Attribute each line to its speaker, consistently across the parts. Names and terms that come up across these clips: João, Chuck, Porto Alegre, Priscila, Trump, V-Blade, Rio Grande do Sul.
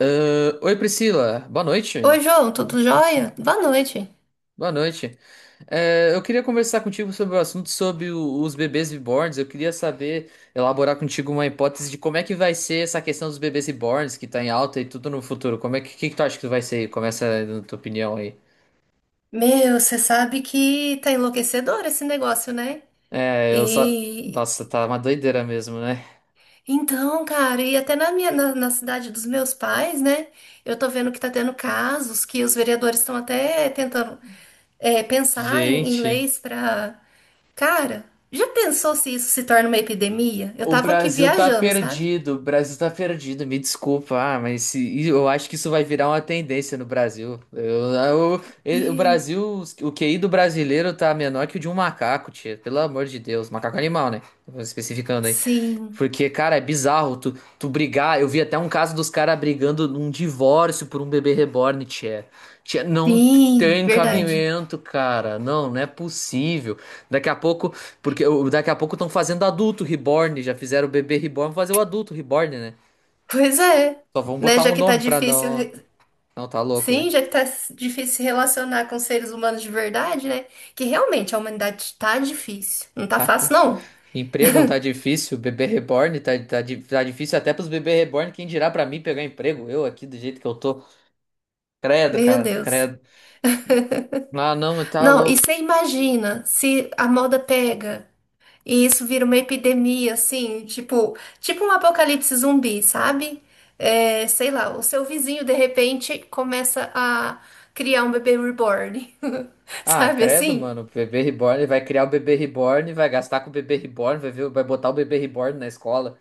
Speaker 1: Oi Priscila, boa noite.
Speaker 2: Oi, João, tudo jóia? Boa noite.
Speaker 1: Boa noite. Eu queria conversar contigo sobre o assunto sobre os bebês reborns. Eu queria saber, elaborar contigo uma hipótese de como é que vai ser essa questão dos bebês reborns que tá em alta e tudo no futuro. Como é que tu acha que vai ser? Começa na tua opinião aí.
Speaker 2: Meu, você sabe que tá enlouquecedor esse negócio, né?
Speaker 1: É, eu só.
Speaker 2: E
Speaker 1: Nossa, tá uma doideira mesmo, né?
Speaker 2: então, cara, e até na cidade dos meus pais, né? Eu tô vendo que tá tendo casos que os vereadores estão até tentando pensar em
Speaker 1: Gente.
Speaker 2: leis pra. Cara, já pensou se isso se torna uma epidemia? Eu
Speaker 1: O
Speaker 2: tava aqui
Speaker 1: Brasil tá
Speaker 2: viajando, sabe?
Speaker 1: perdido, o Brasil tá perdido, me desculpa, eu acho que isso vai virar uma tendência no Brasil. O
Speaker 2: E-
Speaker 1: Brasil, o QI do brasileiro tá menor que o de um macaco, tia, pelo amor de Deus, macaco animal, né? Vou especificando aí.
Speaker 2: Sim,
Speaker 1: Porque, cara, é bizarro tu, tu brigar. Eu vi até um caso dos caras brigando num divórcio por um bebê reborn, tia. Tia, não
Speaker 2: sim,
Speaker 1: tem
Speaker 2: verdade.
Speaker 1: cabimento, cara, não, não é possível. Daqui a pouco. Porque daqui a pouco estão fazendo adulto reborn, já fizeram o bebê reborn, vão fazer o adulto reborn, né?
Speaker 2: Pois é,
Speaker 1: Só vão
Speaker 2: né?
Speaker 1: botar
Speaker 2: Já
Speaker 1: um
Speaker 2: que tá
Speaker 1: nome pra
Speaker 2: difícil
Speaker 1: não.
Speaker 2: re-
Speaker 1: Não, tá louco, velho.
Speaker 2: Sim, já que tá difícil se relacionar com seres humanos de verdade, né? Que realmente a humanidade tá difícil. Não tá
Speaker 1: Tá... p-
Speaker 2: fácil, não.
Speaker 1: Emprego não tá difícil, bebê reborn tá difícil até pros bebê reborn, quem dirá pra mim pegar emprego? Eu aqui do jeito que eu tô. Credo,
Speaker 2: Meu
Speaker 1: cara,
Speaker 2: Deus.
Speaker 1: credo. Ah, não, tá
Speaker 2: Não, e
Speaker 1: louco.
Speaker 2: você imagina se a moda pega e isso vira uma epidemia, assim, tipo um apocalipse zumbi, sabe? É, sei lá, o seu vizinho de repente começa a criar um bebê reborn,
Speaker 1: Ah,
Speaker 2: sabe
Speaker 1: credo,
Speaker 2: assim?
Speaker 1: mano, o bebê reborn, vai criar o bebê reborn, vai gastar com o bebê reborn, vai ver, vai botar o bebê reborn na escola.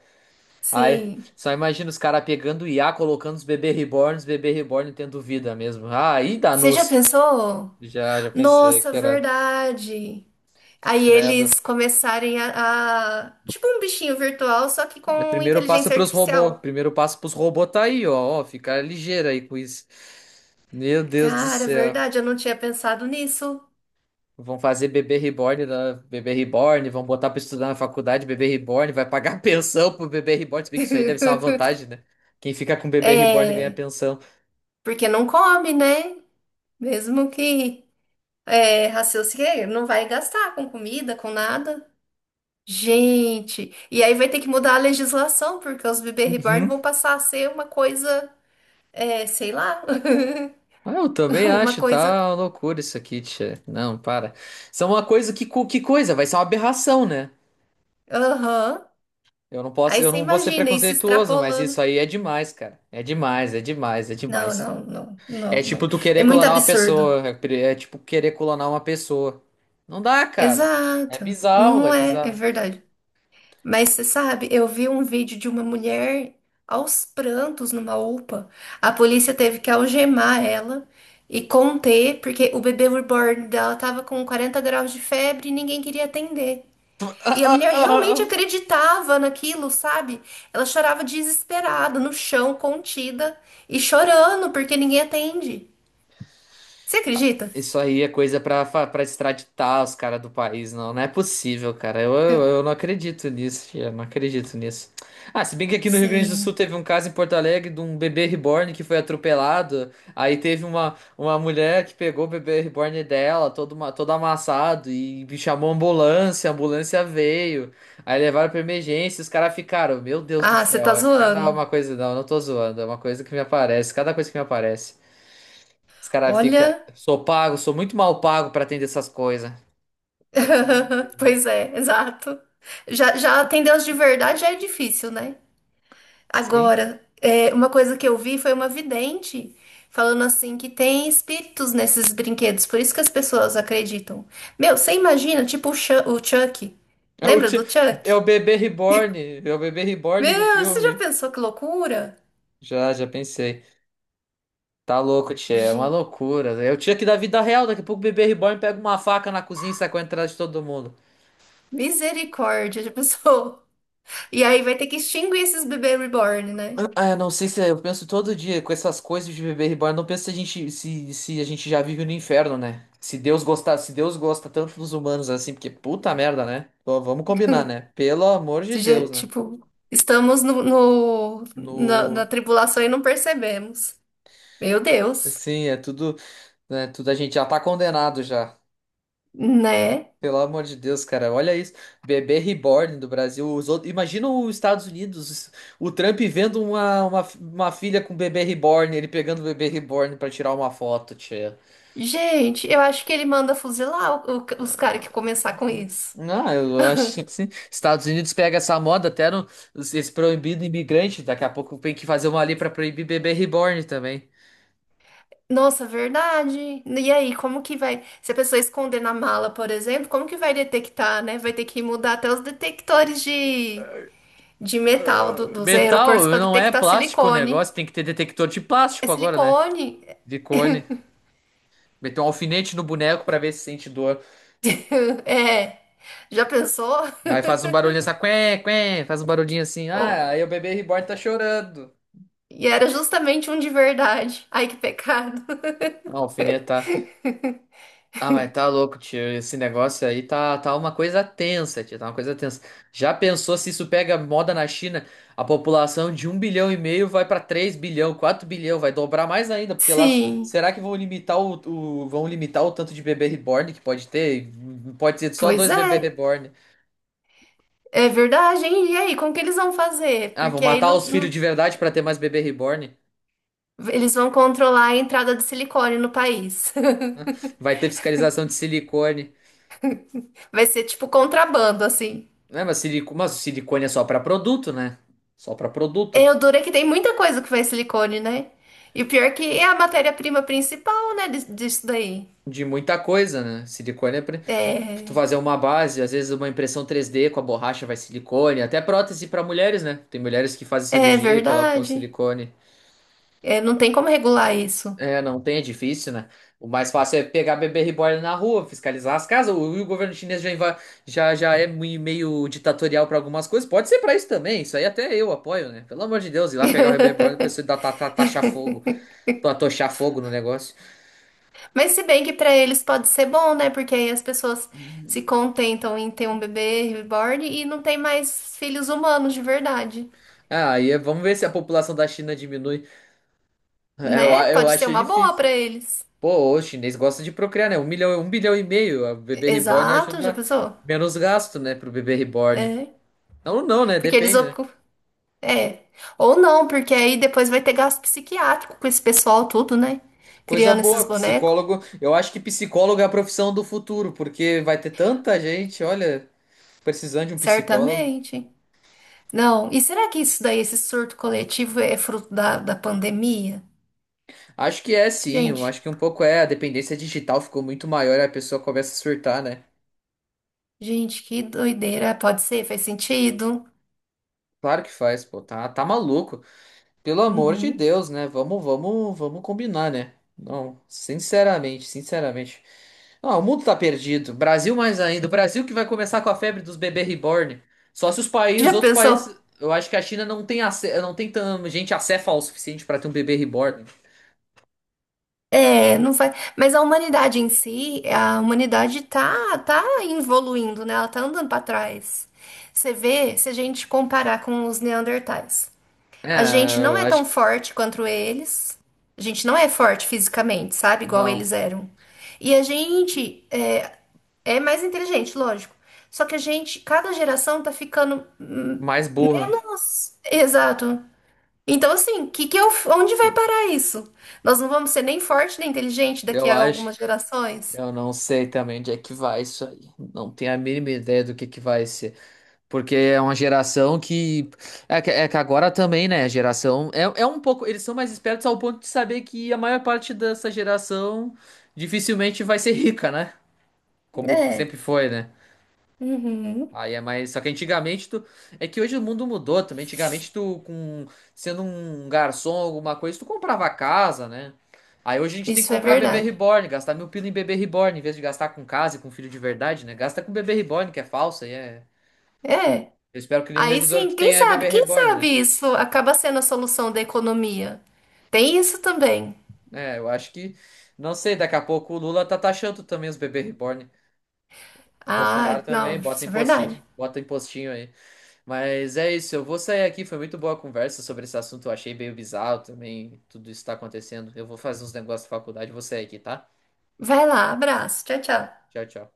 Speaker 1: Ai,
Speaker 2: Sim.
Speaker 1: só imagina os caras pegando o I a colocando os bebê reborn tendo vida mesmo. Ah, aí
Speaker 2: Você já
Speaker 1: danou-se.
Speaker 2: pensou?
Speaker 1: Já pensei
Speaker 2: Nossa,
Speaker 1: que era.
Speaker 2: verdade. Aí
Speaker 1: Credo.
Speaker 2: eles começarem tipo um bichinho virtual, só que
Speaker 1: O
Speaker 2: com
Speaker 1: primeiro passo
Speaker 2: inteligência
Speaker 1: pros robôs.
Speaker 2: artificial.
Speaker 1: Primeiro passo pros robôs tá aí, ó. Ó, fica ligeiro aí com isso. Meu Deus do
Speaker 2: Cara, é
Speaker 1: céu.
Speaker 2: verdade, eu não tinha pensado nisso.
Speaker 1: Vão fazer bebê reborn, da bebê reborn, vão botar pra estudar na faculdade, bebê reborn, vai pagar pensão pro bebê reborn. Se bem que isso aí deve ser uma vantagem, né? Quem fica com bebê reborn ganha
Speaker 2: É,
Speaker 1: pensão.
Speaker 2: porque não come, né? Mesmo que raciocine, não vai gastar com comida, com nada. Gente, e aí vai ter que mudar a legislação, porque os bebê reborn vão passar a ser uma coisa, é, sei lá,
Speaker 1: Ah, eu também
Speaker 2: uma
Speaker 1: acho,
Speaker 2: coisa.
Speaker 1: tá uma loucura isso aqui, tia. Não, para. Isso é uma coisa que coisa, vai ser uma aberração, né?
Speaker 2: Aham.
Speaker 1: Eu não posso,
Speaker 2: Aí
Speaker 1: eu
Speaker 2: você
Speaker 1: não vou ser
Speaker 2: imagina isso
Speaker 1: preconceituoso, mas
Speaker 2: extrapolando.
Speaker 1: isso aí é demais, cara. É demais, é demais, é
Speaker 2: Não,
Speaker 1: demais.
Speaker 2: não, não, não,
Speaker 1: É
Speaker 2: não.
Speaker 1: tipo tu
Speaker 2: É
Speaker 1: querer
Speaker 2: muito
Speaker 1: clonar uma
Speaker 2: absurdo.
Speaker 1: pessoa, é tipo querer clonar uma pessoa. Não dá, cara. É
Speaker 2: Exato. Não,
Speaker 1: bizarro, é
Speaker 2: não é, é
Speaker 1: bizarro.
Speaker 2: verdade. Mas você sabe, eu vi um vídeo de uma mulher aos prantos numa UPA. A polícia teve que algemar ela e conter, porque o bebê reborn dela tava com 40 graus de febre e ninguém queria atender. E a mulher realmente acreditava naquilo, sabe? Ela chorava desesperada, no chão, contida e chorando porque ninguém atende. Você acredita?
Speaker 1: Isso aí é coisa pra extraditar os caras do país, não. Não é possível, cara. Eu não acredito nisso, tia. Não acredito nisso. Ah, se bem que aqui no Rio Grande do Sul
Speaker 2: Sim.
Speaker 1: teve um caso em Porto Alegre de um bebê reborn que foi atropelado. Aí teve uma mulher que pegou o bebê reborn dela, todo amassado, e chamou a ambulância. A ambulância veio. Aí levaram pra emergência. Os caras ficaram, meu Deus do
Speaker 2: Ah, você tá
Speaker 1: céu. É cada
Speaker 2: zoando.
Speaker 1: uma coisa, não. Eu não tô zoando. É uma coisa que me aparece. Cada coisa que me aparece. Os caras ficam.
Speaker 2: Olha.
Speaker 1: Sou pago, sou muito mal pago pra atender essas coisas.
Speaker 2: Pois é, exato. Já atender os de verdade já é difícil, né?
Speaker 1: Sim.
Speaker 2: Agora, uma coisa que eu vi foi uma vidente falando assim que tem espíritos nesses brinquedos, por isso que as pessoas acreditam. Meu, você imagina, tipo o Chuck.
Speaker 1: É o,
Speaker 2: Lembra
Speaker 1: ti-
Speaker 2: do
Speaker 1: é o
Speaker 2: Chuck?
Speaker 1: bebê reborn. É o bebê reborn do
Speaker 2: Meu, você já
Speaker 1: filme.
Speaker 2: pensou que loucura?
Speaker 1: Já pensei. Tá louco, Tchê, é uma
Speaker 2: Gente,
Speaker 1: loucura. Eu tinha que da vida real. Daqui a pouco o bebê reborn pega uma faca na cozinha e sai correndo atrás de todo mundo.
Speaker 2: misericórdia, já pensou? E aí vai ter que extinguir esses bebês reborn, né?
Speaker 1: Ah, eu não sei se eu penso todo dia com essas coisas de bebê reborn. Eu não penso se a gente, se a gente já vive no inferno, né? Se Deus gostar, se Deus gosta tanto dos humanos assim, porque puta merda, né? Pô, vamos combinar, né? Pelo amor de
Speaker 2: Esse dia,
Speaker 1: Deus, né?
Speaker 2: tipo, estamos na
Speaker 1: No,
Speaker 2: tribulação e não percebemos. Meu Deus,
Speaker 1: assim, é tudo, né, tudo a gente já tá condenado já.
Speaker 2: né?
Speaker 1: Pelo amor de Deus, cara, olha isso. Bebê reborn do Brasil. Os outros, imagina os Estados Unidos, o Trump vendo uma filha com bebê reborn, ele pegando o bebê reborn pra tirar uma foto, tia.
Speaker 2: Gente, eu acho que ele manda fuzilar os caras que começar com isso.
Speaker 1: Não, eu acho que sim. Estados Unidos pega essa moda até no, esse proibido imigrante. Daqui a pouco tem que fazer uma lei pra proibir bebê reborn também.
Speaker 2: Nossa, verdade. E aí, como que vai? Se a pessoa esconder na mala, por exemplo, como que vai detectar, né? Vai ter que mudar até os detectores de metal dos
Speaker 1: Metal
Speaker 2: aeroportos para
Speaker 1: não é
Speaker 2: detectar
Speaker 1: plástico o
Speaker 2: silicone.
Speaker 1: negócio, tem que ter detector de
Speaker 2: É
Speaker 1: plástico agora, né?
Speaker 2: silicone?
Speaker 1: De cone. Meteu um alfinete no boneco pra ver se sente dor.
Speaker 2: É. Já pensou?
Speaker 1: Aí faz um barulhinho assim, quen, quen, faz um barulhinho assim. Ah, aí o bebê reborn tá chorando.
Speaker 2: E era justamente um de verdade. Ai, que pecado.
Speaker 1: Ah, o alfinete tá. Ah, mas tá louco, tio. Esse negócio aí tá uma coisa tensa, tio. Tá uma coisa tensa. Já pensou se isso pega moda na China? A população de 1,5 bilhão vai pra 3 bilhões, 4 bilhões, vai dobrar mais ainda, porque lá
Speaker 2: Sim,
Speaker 1: será que vão limitar vão limitar o tanto de bebê reborn que pode ter? Pode ser só
Speaker 2: pois
Speaker 1: dois bebê
Speaker 2: é.
Speaker 1: reborn.
Speaker 2: É verdade, hein? E aí, como que eles vão fazer?
Speaker 1: Ah, vão
Speaker 2: Porque aí
Speaker 1: matar os filhos de verdade pra ter mais bebê reborn.
Speaker 2: eles vão controlar a entrada de silicone no país.
Speaker 1: Né? Vai ter fiscalização de silicone.
Speaker 2: Vai ser tipo contrabando, assim.
Speaker 1: Mas o silicone é só pra produto, né? Só pra produto.
Speaker 2: É, o duro é que tem muita coisa que vai silicone, né? E o pior é que é a matéria-prima principal, né, disso daí.
Speaker 1: De muita coisa, né? Silicone é pra tu
Speaker 2: É,
Speaker 1: fazer uma base, às vezes uma impressão 3D com a borracha vai silicone, até prótese pra mulheres, né? Tem mulheres que fazem
Speaker 2: é
Speaker 1: cirurgia e colocam
Speaker 2: verdade.
Speaker 1: silicone.
Speaker 2: É, não tem como regular isso.
Speaker 1: É, não tem, é difícil, né? O mais fácil é pegar bebê reborn na rua, fiscalizar as casas. O governo chinês já é meio ditatorial pra algumas coisas. Pode ser pra isso também. Isso aí até eu apoio, né? Pelo amor de Deus, ir lá pegar o bebê reborn e a pessoa dar, ta, ta, taxar fogo, pra tochar fogo no negócio.
Speaker 2: Mas se bem que pra eles pode ser bom, né? Porque aí as pessoas se contentam em ter um bebê reborn e não tem mais filhos humanos de verdade,
Speaker 1: Vamos ver se a população da China diminui.
Speaker 2: né?
Speaker 1: Eu
Speaker 2: Pode ser
Speaker 1: acho
Speaker 2: uma boa
Speaker 1: difícil.
Speaker 2: pra eles.
Speaker 1: Pô, o chinês gosta de procriar, né? 1 milhão, 1,5 bilhão. O bebê reborn
Speaker 2: Exato, já
Speaker 1: ajuda
Speaker 2: pensou?
Speaker 1: menos gasto, né, pro bebê reborn.
Speaker 2: É.
Speaker 1: Não, não, né?
Speaker 2: Porque eles
Speaker 1: Depende, né?
Speaker 2: ocupam. É. Ou não, porque aí depois vai ter gasto psiquiátrico com esse pessoal tudo, né?
Speaker 1: Coisa
Speaker 2: Criando esses
Speaker 1: boa,
Speaker 2: bonecos.
Speaker 1: psicólogo. Eu acho que psicólogo é a profissão do futuro, porque vai ter tanta gente, olha, precisando de um psicólogo.
Speaker 2: Certamente. Não. E será que isso daí, esse surto coletivo, é fruto da pandemia?
Speaker 1: Acho que é sim, eu
Speaker 2: Gente.
Speaker 1: acho que um pouco é. A dependência digital ficou muito maior e a pessoa começa a surtar, né?
Speaker 2: Gente, que doideira. Pode ser, faz sentido.
Speaker 1: Claro que faz, pô, tá, tá maluco. Pelo amor de
Speaker 2: Uhum.
Speaker 1: Deus, né? Vamos combinar, né? Não, sinceramente, sinceramente. Ah, o mundo tá perdido. Brasil mais ainda. O Brasil que vai começar com a febre dos bebês reborn. Só se os países,
Speaker 2: Já
Speaker 1: outros
Speaker 2: pensou?
Speaker 1: países, eu acho que a China não tem não tem tanta gente acéfala o suficiente pra ter um bebê reborn.
Speaker 2: É, não faz. Mas a humanidade em si, a humanidade tá, tá evoluindo, né? Ela tá andando pra trás. Você vê, se a gente comparar com os neandertais, a gente
Speaker 1: É,
Speaker 2: não
Speaker 1: eu
Speaker 2: é
Speaker 1: acho
Speaker 2: tão
Speaker 1: que
Speaker 2: forte quanto eles. A gente não é forte fisicamente, sabe? Igual
Speaker 1: não.
Speaker 2: eles eram. E a gente é mais inteligente, lógico. Só que a gente, cada geração tá ficando.
Speaker 1: Mais burra,
Speaker 2: Nossa, exato. Então, assim, que eu, onde vai parar isso? Nós não vamos ser nem forte nem inteligente daqui
Speaker 1: eu
Speaker 2: a
Speaker 1: acho.
Speaker 2: algumas gerações?
Speaker 1: Eu não sei também onde é que vai isso aí. Não tenho a mínima ideia do que vai ser. Porque é uma geração que. É que agora também, né? A geração. É, é um pouco. Eles são mais espertos ao ponto de saber que a maior parte dessa geração dificilmente vai ser rica, né? Como
Speaker 2: É.
Speaker 1: sempre foi, né?
Speaker 2: Uhum.
Speaker 1: Aí é mais. Só que antigamente tu. É que hoje o mundo mudou também. Antigamente tu, com... sendo um garçom, alguma coisa, tu comprava casa, né? Aí hoje a gente tem que
Speaker 2: Isso é
Speaker 1: comprar bebê
Speaker 2: verdade.
Speaker 1: reborn, gastar 1.000 pila em bebê reborn, em vez de gastar com casa e com filho de verdade, né? Gasta com bebê reborn, que é falso, aí é.
Speaker 2: É.
Speaker 1: Eu espero que nenhum
Speaker 2: Aí
Speaker 1: revisor que
Speaker 2: sim,
Speaker 1: tenha bebê
Speaker 2: quem
Speaker 1: reborn,
Speaker 2: sabe
Speaker 1: né?
Speaker 2: isso acaba sendo a solução da economia. Tem isso também.
Speaker 1: É, eu acho que, não sei, daqui a pouco o Lula tá taxando também os bebê reborn. Bolsonaro
Speaker 2: Ah,
Speaker 1: também,
Speaker 2: não, isso é verdade.
Speaker 1: bota impostinho aí. Mas é isso, eu vou sair aqui, foi muito boa a conversa sobre esse assunto, eu achei meio bizarro também, tudo isso tá acontecendo. Eu vou fazer uns negócios da faculdade, vou sair aqui, tá?
Speaker 2: Vai lá, abraço. Tchau, tchau.
Speaker 1: Tchau, tchau.